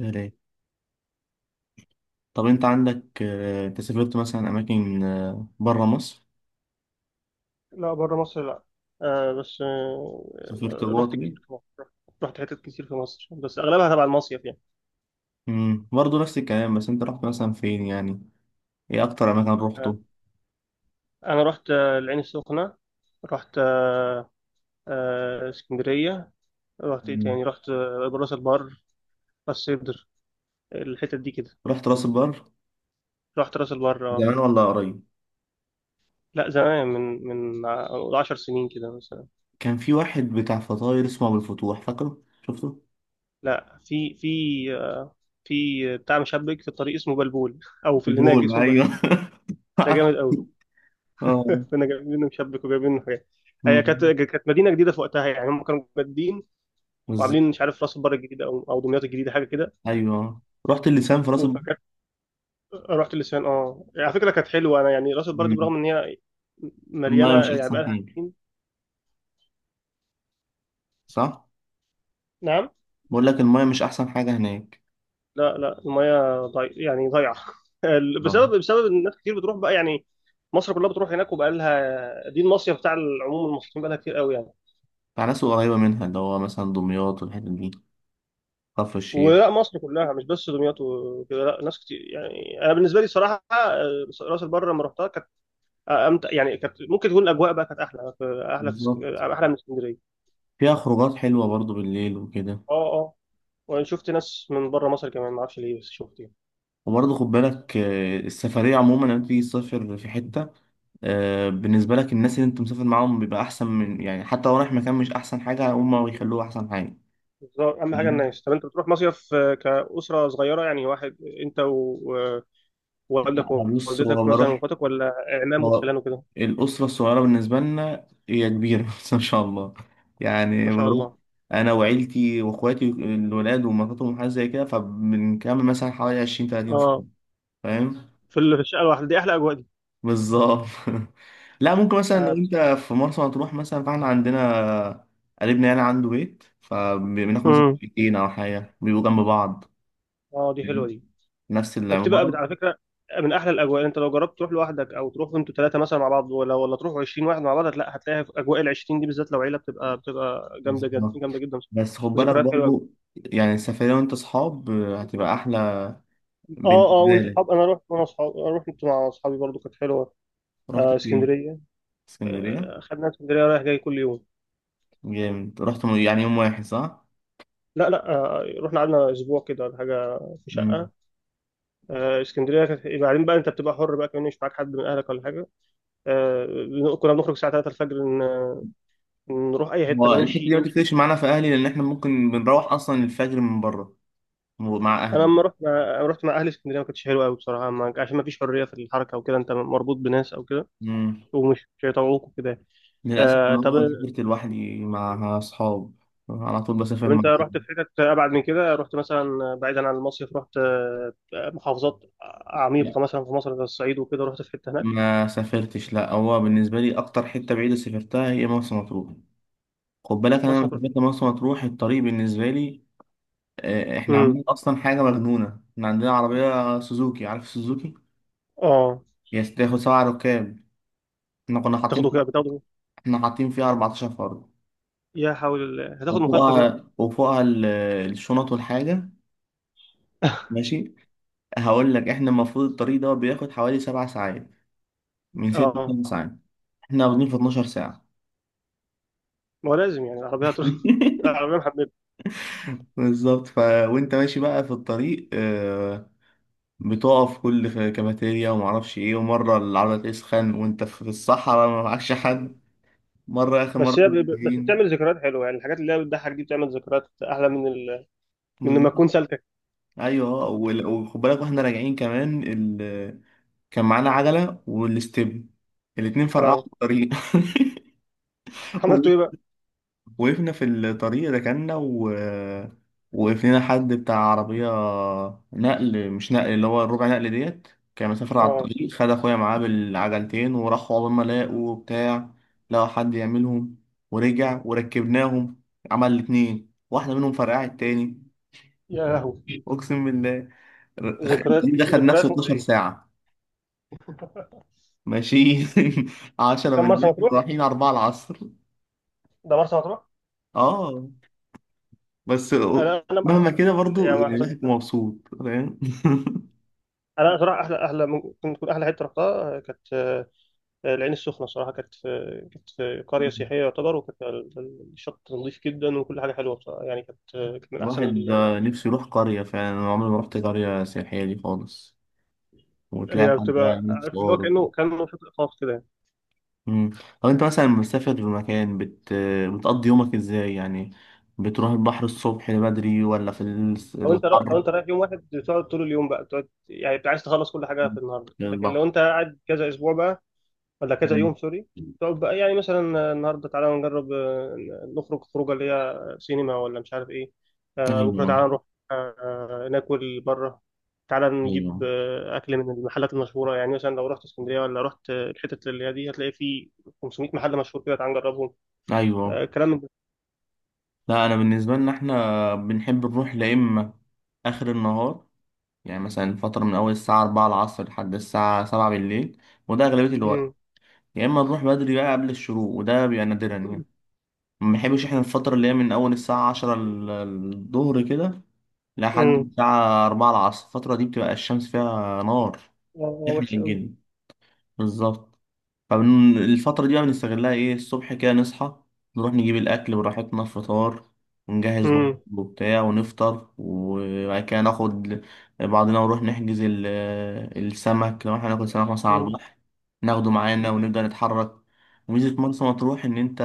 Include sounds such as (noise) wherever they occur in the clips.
يا ريت. طب انت، عندك آه، انت سافرت مثلا اماكن بره مصر؟ لا بره مصر لا. آه بس آه سافرت آه، جوه رحت طبيعي. كتير في مصر. رحت حتت كتير في مصر، بس اغلبها تبع المصيف يعني. برضه نفس الكلام، بس انت رحت مثلا فين يعني؟ ايه اكتر اماكن آه روحته؟ انا رحت العين السخنه. رحت اسكندريه. رحت ايه مم. تاني؟ رحت راس البر، راس سدر، الحتت دي كده. رحت راس البر رحت راس البر آه. زمان ولا قريب؟ لا زمان، 10 سنين كده مثلا. كان في واحد بتاع فطاير اسمه ابو الفتوح، فاكره؟ شفته؟ لا في في آه في بتاع مشبك في الطريق اسمه بلبول، او في اللي هناك بيقول اسمه ايوه. بلبول. (laughs) ده عارف. جامد قوي. اه، كنا جايبين مشبك وجايبين حاجات. هي كانت امم، كانت مدينه جديده في وقتها، يعني هم كانوا مجدين بالظبط. وعاملين مش عارف راس البر الجديده او دمياط الجديده، حاجه كده. ايوه، رحت اللسان في راس البر. فكانت رحت لسان، اه على فكره كانت حلوه، انا يعني راس البر دي مم. برغم ان هي مليانه، المايه مش يعني احسن بقالها حاجه، سنين. صح؟ نعم. بقول لك المايه مش احسن حاجه هناك، لا المياه يعني ضايعه. (laughs) آه. بسبب ان ناس كتير بتروح بقى يعني. مصر كلها بتروح هناك، وبقى لها دي المصيف بتاع العموم، المصريين بقى لها كتير قوي يعني. بتاع ناس قريبة منها اللي هو مثلا دمياط والحتت دي، كفر الشيخ. ولا مصر كلها، مش بس دمياط وكده، لا ناس كتير. يعني انا بالنسبه لي صراحه آه، راس البر لما رحتها كانت آه، امتع، يعني كانت ممكن تكون الاجواء بقى كانت احلى، بالظبط. احلى من اسكندريه. فيها خروجات حلوة برضو بالليل وكده. اه وانا شفت ناس من بره مصر كمان، ما اعرفش ليه، بس شفت يعني. وبرضه خد بالك، السفرية عموما لما تيجي تسافر في حتة، بالنسبة لك الناس اللي انت مسافر معاهم بيبقى أحسن من، يعني حتى لو رايح مكان مش أحسن حاجة، هما بيخلوه أحسن حاجة. بس هو اهم حاجه يعني الناس. طب انت بتروح مصيف آه، كاسره صغيره يعني، واحد انت و- ووالدك أنا بص، ووالدتك، هو مثلا، بروح، واخواتك، ولا عمام هو وخلان وكده؟ الأسرة الصغيرة بالنسبة لنا هي كبيرة. (laughs) بس ما شاء الله، يعني ما شاء بروح الله. أنا وعيلتي وإخواتي الولاد ومراتهم وحاجات زي كده، فبنكمل مثلا حوالي عشرين تلاتين اه، فيلم. فاهم؟ في الشقه الواحده دي احلى اجواء دي. بالظبط. (laughs) لا، ممكن مثلا اه لو بت- أنت في مرسى مطروح مثلا، فإحنا عندنا قريبنا يعني عنده بيت، فبناخد مثلا مم. بيتين أو حاجة بيبقوا جنب بعض. آه، دي حلوه فاهم؟ دي. نفس العمارة. على فكره من احلى الاجواء. انت لو جربت تروح لوحدك، او تروح انتوا ثلاثه مثلا مع بعض، ولا تروحوا 20 واحد مع بعض، لا هتلاقي في اجواء ال 20 دي بالذات لو عيله، بتبقى جامده جدا، بالظبط. جامده جدا. بس خد بالك ذكريات حلوه قوي. برضو، يعني السفرية وأنت أصحاب هتبقى أحلى اه وانت بالنسبة. اصحاب. انا رحت وانا اصحاب رحت مع اصحابي برضو، كانت حلوه. رحت آه فين؟ اسكندريه. اسكندرية. آه، خدنا اسكندريه رايح جاي كل يوم. جامد. رحت يعني يوم واحد، صح؟ لا آه، رحنا قعدنا اسبوع كده ولا حاجه، في مم. شقه. آه اسكندريه كانت، يبقى بعدين بقى انت بتبقى حر بقى، كمان مش معاك حد من اهلك ولا حاجه. آه كنا بنخرج الساعه 3 الفجر نروح اي حته هو بقى، الحتة نمشي دي ما نمشي. تفرقش معانا في أهلي، لأن إحنا ممكن بنروح أصلا الفجر من بره، مع انا أهلي. لما رحت مع أنا رحت مع اهلي اسكندريه، ما كانتش حلوه قوي بصراحه، ما... عشان ما فيش حريه في الحركه وكده، انت مربوط بناس او كده، مم. ومش مش هيطوعوك وكده. للأسف آه أنا عمري طب ما سافرت لوحدي مع أصحاب، على طول بسافر طب مع انت أهلي. رحت في حتت ابعد من كده؟ رحت مثلا بعيدا عن المصيف؟ رحت آه، محافظات لا عميقه مثلا في مصر زي الصعيد وكده؟ رحت في حته هناك؟ ما سافرتش، لا، هو بالنسبة لي أكتر حتة بعيدة سافرتها هي مرسى مطروح. خد بالك أنا مرسى لما مطروح. سافرت مرسى مطروح الطريق بالنسبة لي، إحنا امم. عاملين أصلا حاجة مجنونة. إحنا عندنا عربية سوزوكي، عارف سوزوكي؟ اه. هي تاخد سبع ركاب، احنا كنا حاطين بتاخده كده فيها بتاخده احنا حاطين فيها 14 فرد، يا حول الله، هتاخد مخالفه كده. وفوقها الشنط والحاجة. (laughs) ماشي، هقول لك احنا المفروض الطريق ده بياخد حوالي 7 ساعات، من ست اه، لسبع ساعات احنا واخدين في 12 ساعة. ما هو لازم يعني العربية هتروح. (laughs) (laughs) العربية محببة. بالظبط. وانت ماشي بقى في الطريق، بتقف كل في كافيتيريا ومعرفش ايه، ومرة العربية تسخن وانت في الصحراء ما معكش حد، مرة اخر بس مرة هي ب- ب- بس راجعين. بتعمل ذكريات حلوة يعني، الحاجات اللي هي بتضحك دي بتعمل ذكريات أحلى من من لما بالظبط. تكون سالكة. ايوه، وخد بالك واحنا راجعين كمان كان معانا عجلة والاستب، الاتنين فرقعوا اه. في الطريق. (laughs) عملتوا ايه وقف- بقى؟ وقفنا في الطريق، ركنا و وقف لنا حد بتاع عربية نقل، مش نقل، اللي هو الربع نقل ديت، كان مسافر على اه، الطريق، خد أخويا معاه بالعجلتين وراحوا عقبال ما لاقوا بتاع، لقوا حد يعملهم، ورجع وركبناهم. عمل الاتنين، واحدة منهم فرقعت التاني. يا لهوي. أقسم بالله. ر- ذكريات، الطريق ده خد ذكريات نفسه 12 مؤذية. ساعة ماشيين. (laughs) 10 كم مرسى بالليل، مطروح؟ رايحين 4 العصر. ده مرسى مطروح؟ اه. بس انا ما مهما كده حضرتش، برضو، يعني ما يعني حصل... الواحد مبسوط، فاهم. (laughs) انا صراحة احلى، احلى ممكن تكون احلى حتة رحتها آه، كانت آه، العين السخنة صراحة، كانت في، كانت في قرية سياحية يعتبر، وكانت الشط نظيف جدا، وكل حاجة حلوة بصراحة يعني، كانت آه، كانت من احسن الواحد ال... نفسه يروح قرية فعلا، أنا عمري ما رحت قرية سياحية دي خالص، وتلاقي هي حد بقى بتبقى، يعمل عارف اللي هو، فطار. كأنه كأنه شاطئ خاص كده يعني. مم. طب أنت مثلا مسافر في مكان، بتقضي يومك إزاي يعني؟ بتروح البحر الصبح بدري، ولا في لو الحر، انت رايح يوم واحد، بتقعد طول اليوم بقى، بتقعد يعني، بتبقى عايز تخلص كل حاجة في النهاردة. في لكن لو البحر؟ انت قاعد كذا اسبوع بقى، ولا كذا مم. يوم سوري، تقعد بقى، يعني مثلا النهارده تعالى نجرب آه، نخرج خروجه اللي هي سينما، ولا مش عارف ايه. آه، بكره تعالى أيوه، نروح آه، آه، ناكل بره. تعالى نجيب أيوه، آه، اكل من المحلات المشهوره، يعني مثلا لو رحت اسكندريه ولا رحت آه، الحتت اللي هي دي، هتلاقي في 500 محل مشهور كده، تعالى نجربهم. أيوه. آه، كلام من ده. لا، أنا بالنسبة لنا إحنا بنحب نروح، لا إما آخر النهار، يعني مثلا فترة من أول الساعة 4 العصر لحد الساعة 7 بالليل، وده أغلبية الوقت. امم. يا إما نروح بدري بقى قبل الشروق، وده بيبقى نادرا يعني. ما بنحبش إحنا الفترة اللي هي من أول الساعة 10 الظهر كده لحد امم. الساعة 4 العصر، الفترة دي بتبقى الشمس فيها نار. اه آه، إحنا وحش قوي. الجن، بالظبط. فالفترة دي بقى بنستغلها إيه، الصبح كده نصحى، نروح نجيب الأكل براحتنا فطار، ونجهز برضه امم. وبتاع، ونفطر، وبعد كده ناخد بعضنا ونروح نحجز السمك، لو احنا هناكل سمك مثلا على امم. البحر، ناخده معانا ونبدأ نتحرك. وميزة مرسى مطروح إن أنت،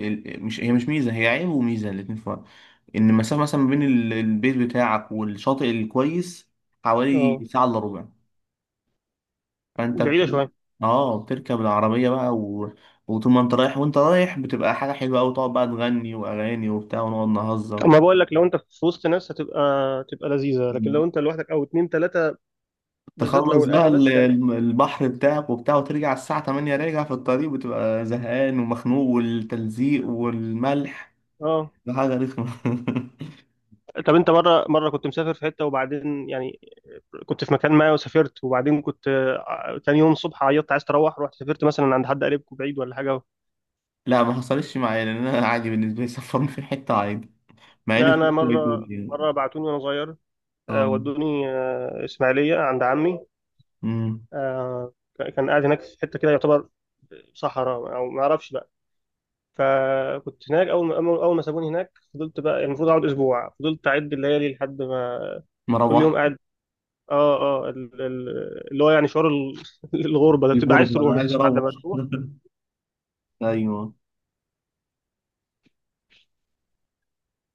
مش هي مش ميزة، هي عيب وميزة الاتنين في بعض، إن المسافة مثلا ما بين البيت بتاعك والشاطئ الكويس حوالي اه، ساعة إلا ربع. فانت بعيده شويه. اه بتركب العربية بقى و، وطول ما انت رايح وانت رايح بتبقى حاجة حلوة أوي، تقعد بقى تغني وأغاني وبتاع، ونقعد نهزر. اما بقول لك، لو انت في وسط ناس، هتبقى تبقى لذيذه، لكن لو انت لوحدك او اتنين تلاته، بالذات لو تخلص بقى الاهلي بس يعني. البحر بتاعك وبتاع، وترجع الساعة 8 راجع في الطريق بتبقى زهقان ومخنوق والتلزيق والملح، اه. ده حاجة رخمة. (laughs) طب انت، مره مره، كنت مسافر في حته، وبعدين يعني كنت في مكان ما وسافرت، وبعدين كنت آه، تاني يوم الصبح عيطت عايز تروح؟ رحت سافرت مثلا عند حد قريبكم بعيد ولا حاجه؟ لا، ما حصلش معايا، لأن أنا عادي بالنسبة لي سفرني في حتة عادي، مع إني لا انا سافرت بيتوتي مره يعني. مره بعتوني وانا صغير، آه، ودوني آه، اسماعيليه عند عمي. أمم، آه، كان قاعد هناك في حته كده، يعتبر صحراء او ما اعرفش بقى. فكنت هناك، اول ما اول أول ما سابوني هناك، فضلت بقى، المفروض اقعد اسبوع، فضلت اعد الليالي لحد ما، ما كل يوم روحت قاعد. اه. اه اللي هو يعني شعور (laughs) الغربه ده، في بتبقى عايز غربة، أنا تروح، عايز بس أروح. بعد ما تروح. (laughs) أيوه.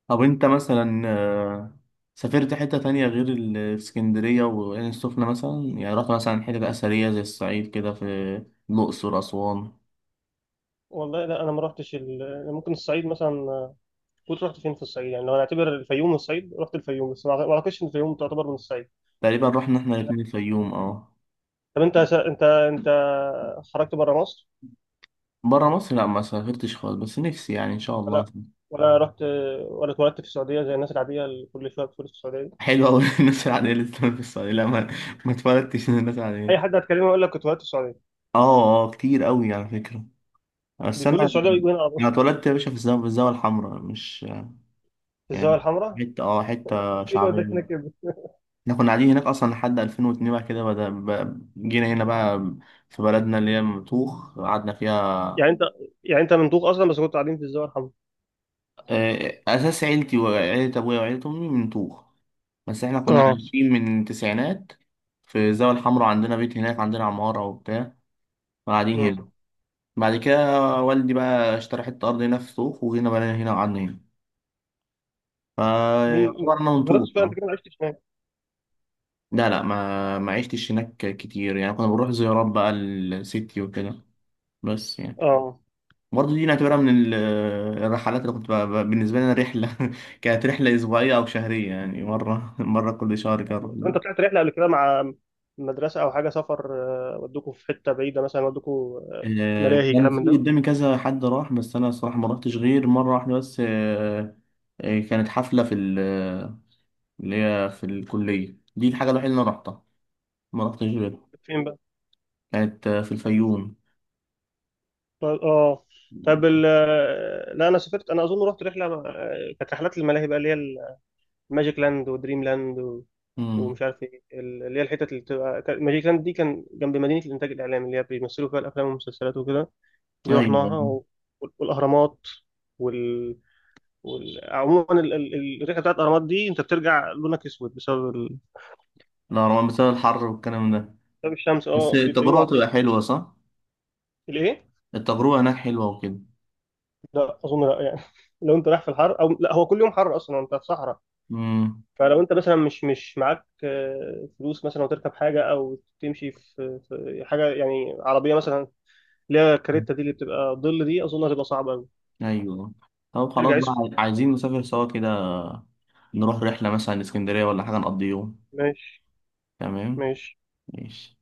طب انت مثلا، سافرت حتة تانية غير الاسكندرية وعين السخنة مثلا؟ يعني رحت مثلا حتة أثرية زي الصعيد كده، في الأقصر، أسوان؟ والله لا انا ما رحتش أنا ممكن الصعيد مثلا، كنت رحت فين في الصعيد يعني؟ لو هنعتبر الفيوم من الصعيد، رحت الفيوم، بس ما اعتقدش ان الفيوم تعتبر من الصعيد. تقريبا رحنا احنا يعني، الاتنين الفيوم، اه. طب انت انت خرجت بره مصر، برا مصر لا ما سافرتش خالص، بس نفسي يعني إن شاء الله. ولا ولا رحت، ولا اتولدت في السعوديه زي الناس العاديه اللي كل شويه بتقول في السعوديه دي؟ حلو أوي. (laughs) الناس العادية اللي بتسافر في الصعيد، لا، ما اتولدتش من الناس اي العادية. حد هتكلمه يقول لك كنت اتولدت في السعوديه، اه اه، كتير أوي على فكرة. بس بيتولد في أنا السعوديه ويجوا هنا على طول. أنا اتولدت يا باشا في الزاوية الحمراء، مش في الزاويه يعني، الحمراء؟ حتة اه (laughs) حتة ايه اللي وداك شعبية. هناك يا ابني؟ احنا كنا قاعدين هناك اصلا لحد 2002، بعد كده جينا هنا بقى، في بلدنا اللي هي مطوخ قعدنا فيها، يعني انت يعني انت مندوب اصلا، بس كنت قاعدين في الزاويه الحمراء. اساس عيلتي وعيلة ابويا وعيلة امي من طوخ، بس احنا كنا اه. عايشين من التسعينات في الزاوية الحمراء، عندنا بيت هناك، عندنا عمارة وبتاع، قاعدين مم. هنا. بعد كده والدي بقى اشترى حتة ارض هنا في طوخ، وهنا بقى هنا وقعدنا هنا، مين؟ فيعتبر انت انا من ما جربتش طوخ، بقى، انت اه. كده ما عشتش هناك. لا لا، ما عشتش هناك كتير، يعني كنا بنروح زيارات بقى لستي وكده، بس يعني اه. برضه دي نعتبرها من الرحلات اللي كنت بالنسبة لنا رحلة. (laughs) كانت رحلة أسبوعية أو شهرية، يعني مرة، (laughs) مرة كل شهر. طب كان انت طلعت رحله قبل كده مع مدرسه او حاجه سفر، آه، ودوكوا في حته بعيده مثلا، ودوكوا آه، آه، ملاهي، كان كلام من في ده؟ قدامي كذا حد راح، بس أنا الصراحة ما رحتش غير مرة واحدة بس، كانت حفلة في اللي هي في الكلية دي، الحاجة الوحيدة اللي أنا رحتها، ما رحتش غيرها. فين بقى؟ كانت في الفيوم. طب اه، طب ال آه، لا انا سافرت، انا اظن رحت رحله آه، كانت رحلات الملاهي بقى، اللي هي الماجيك لاند ودريم لاند و... مم. ومش عارف ايه اللي هي الحتت اللي بتبقى ماجيك لاند دي كان جنب مدينه الانتاج الاعلامي اللي هي بيمثلوا فيها الافلام والمسلسلات وكده، دي أيوة. رحناها و... والاهرامات. عموما الرحله بتاعت الاهرامات دي انت بترجع لونك اسود بسبب لا روان، بسبب الحر والكلام ده. بسبب الشمس، بس اه بيبقى يوم التجربة عصيب. تبقى حلوة، صح؟ الايه؟ التجربة هناك حلوة وكده. لا اظن، لا يعني. (laughs) لو انت رايح في الحر، او لا هو كل يوم حر اصلا انت في صحراء، مم. فلو انت مثلا مش معاك آه، فلوس مثلا وتركب حاجه، او تمشي في حاجه يعني عربيه مثلا اللي هي الكاريتا دي اللي بتبقى ظل دي، اظن هتبقى صعبه قوي. ايوه. طب خلاص ترجع اسود. بقى، عايزين نسافر سوا كده، نروح رحلة مثلا اسكندرية ولا حاجة نقضي يوم. ماشي. تمام. ماشي. ماشي.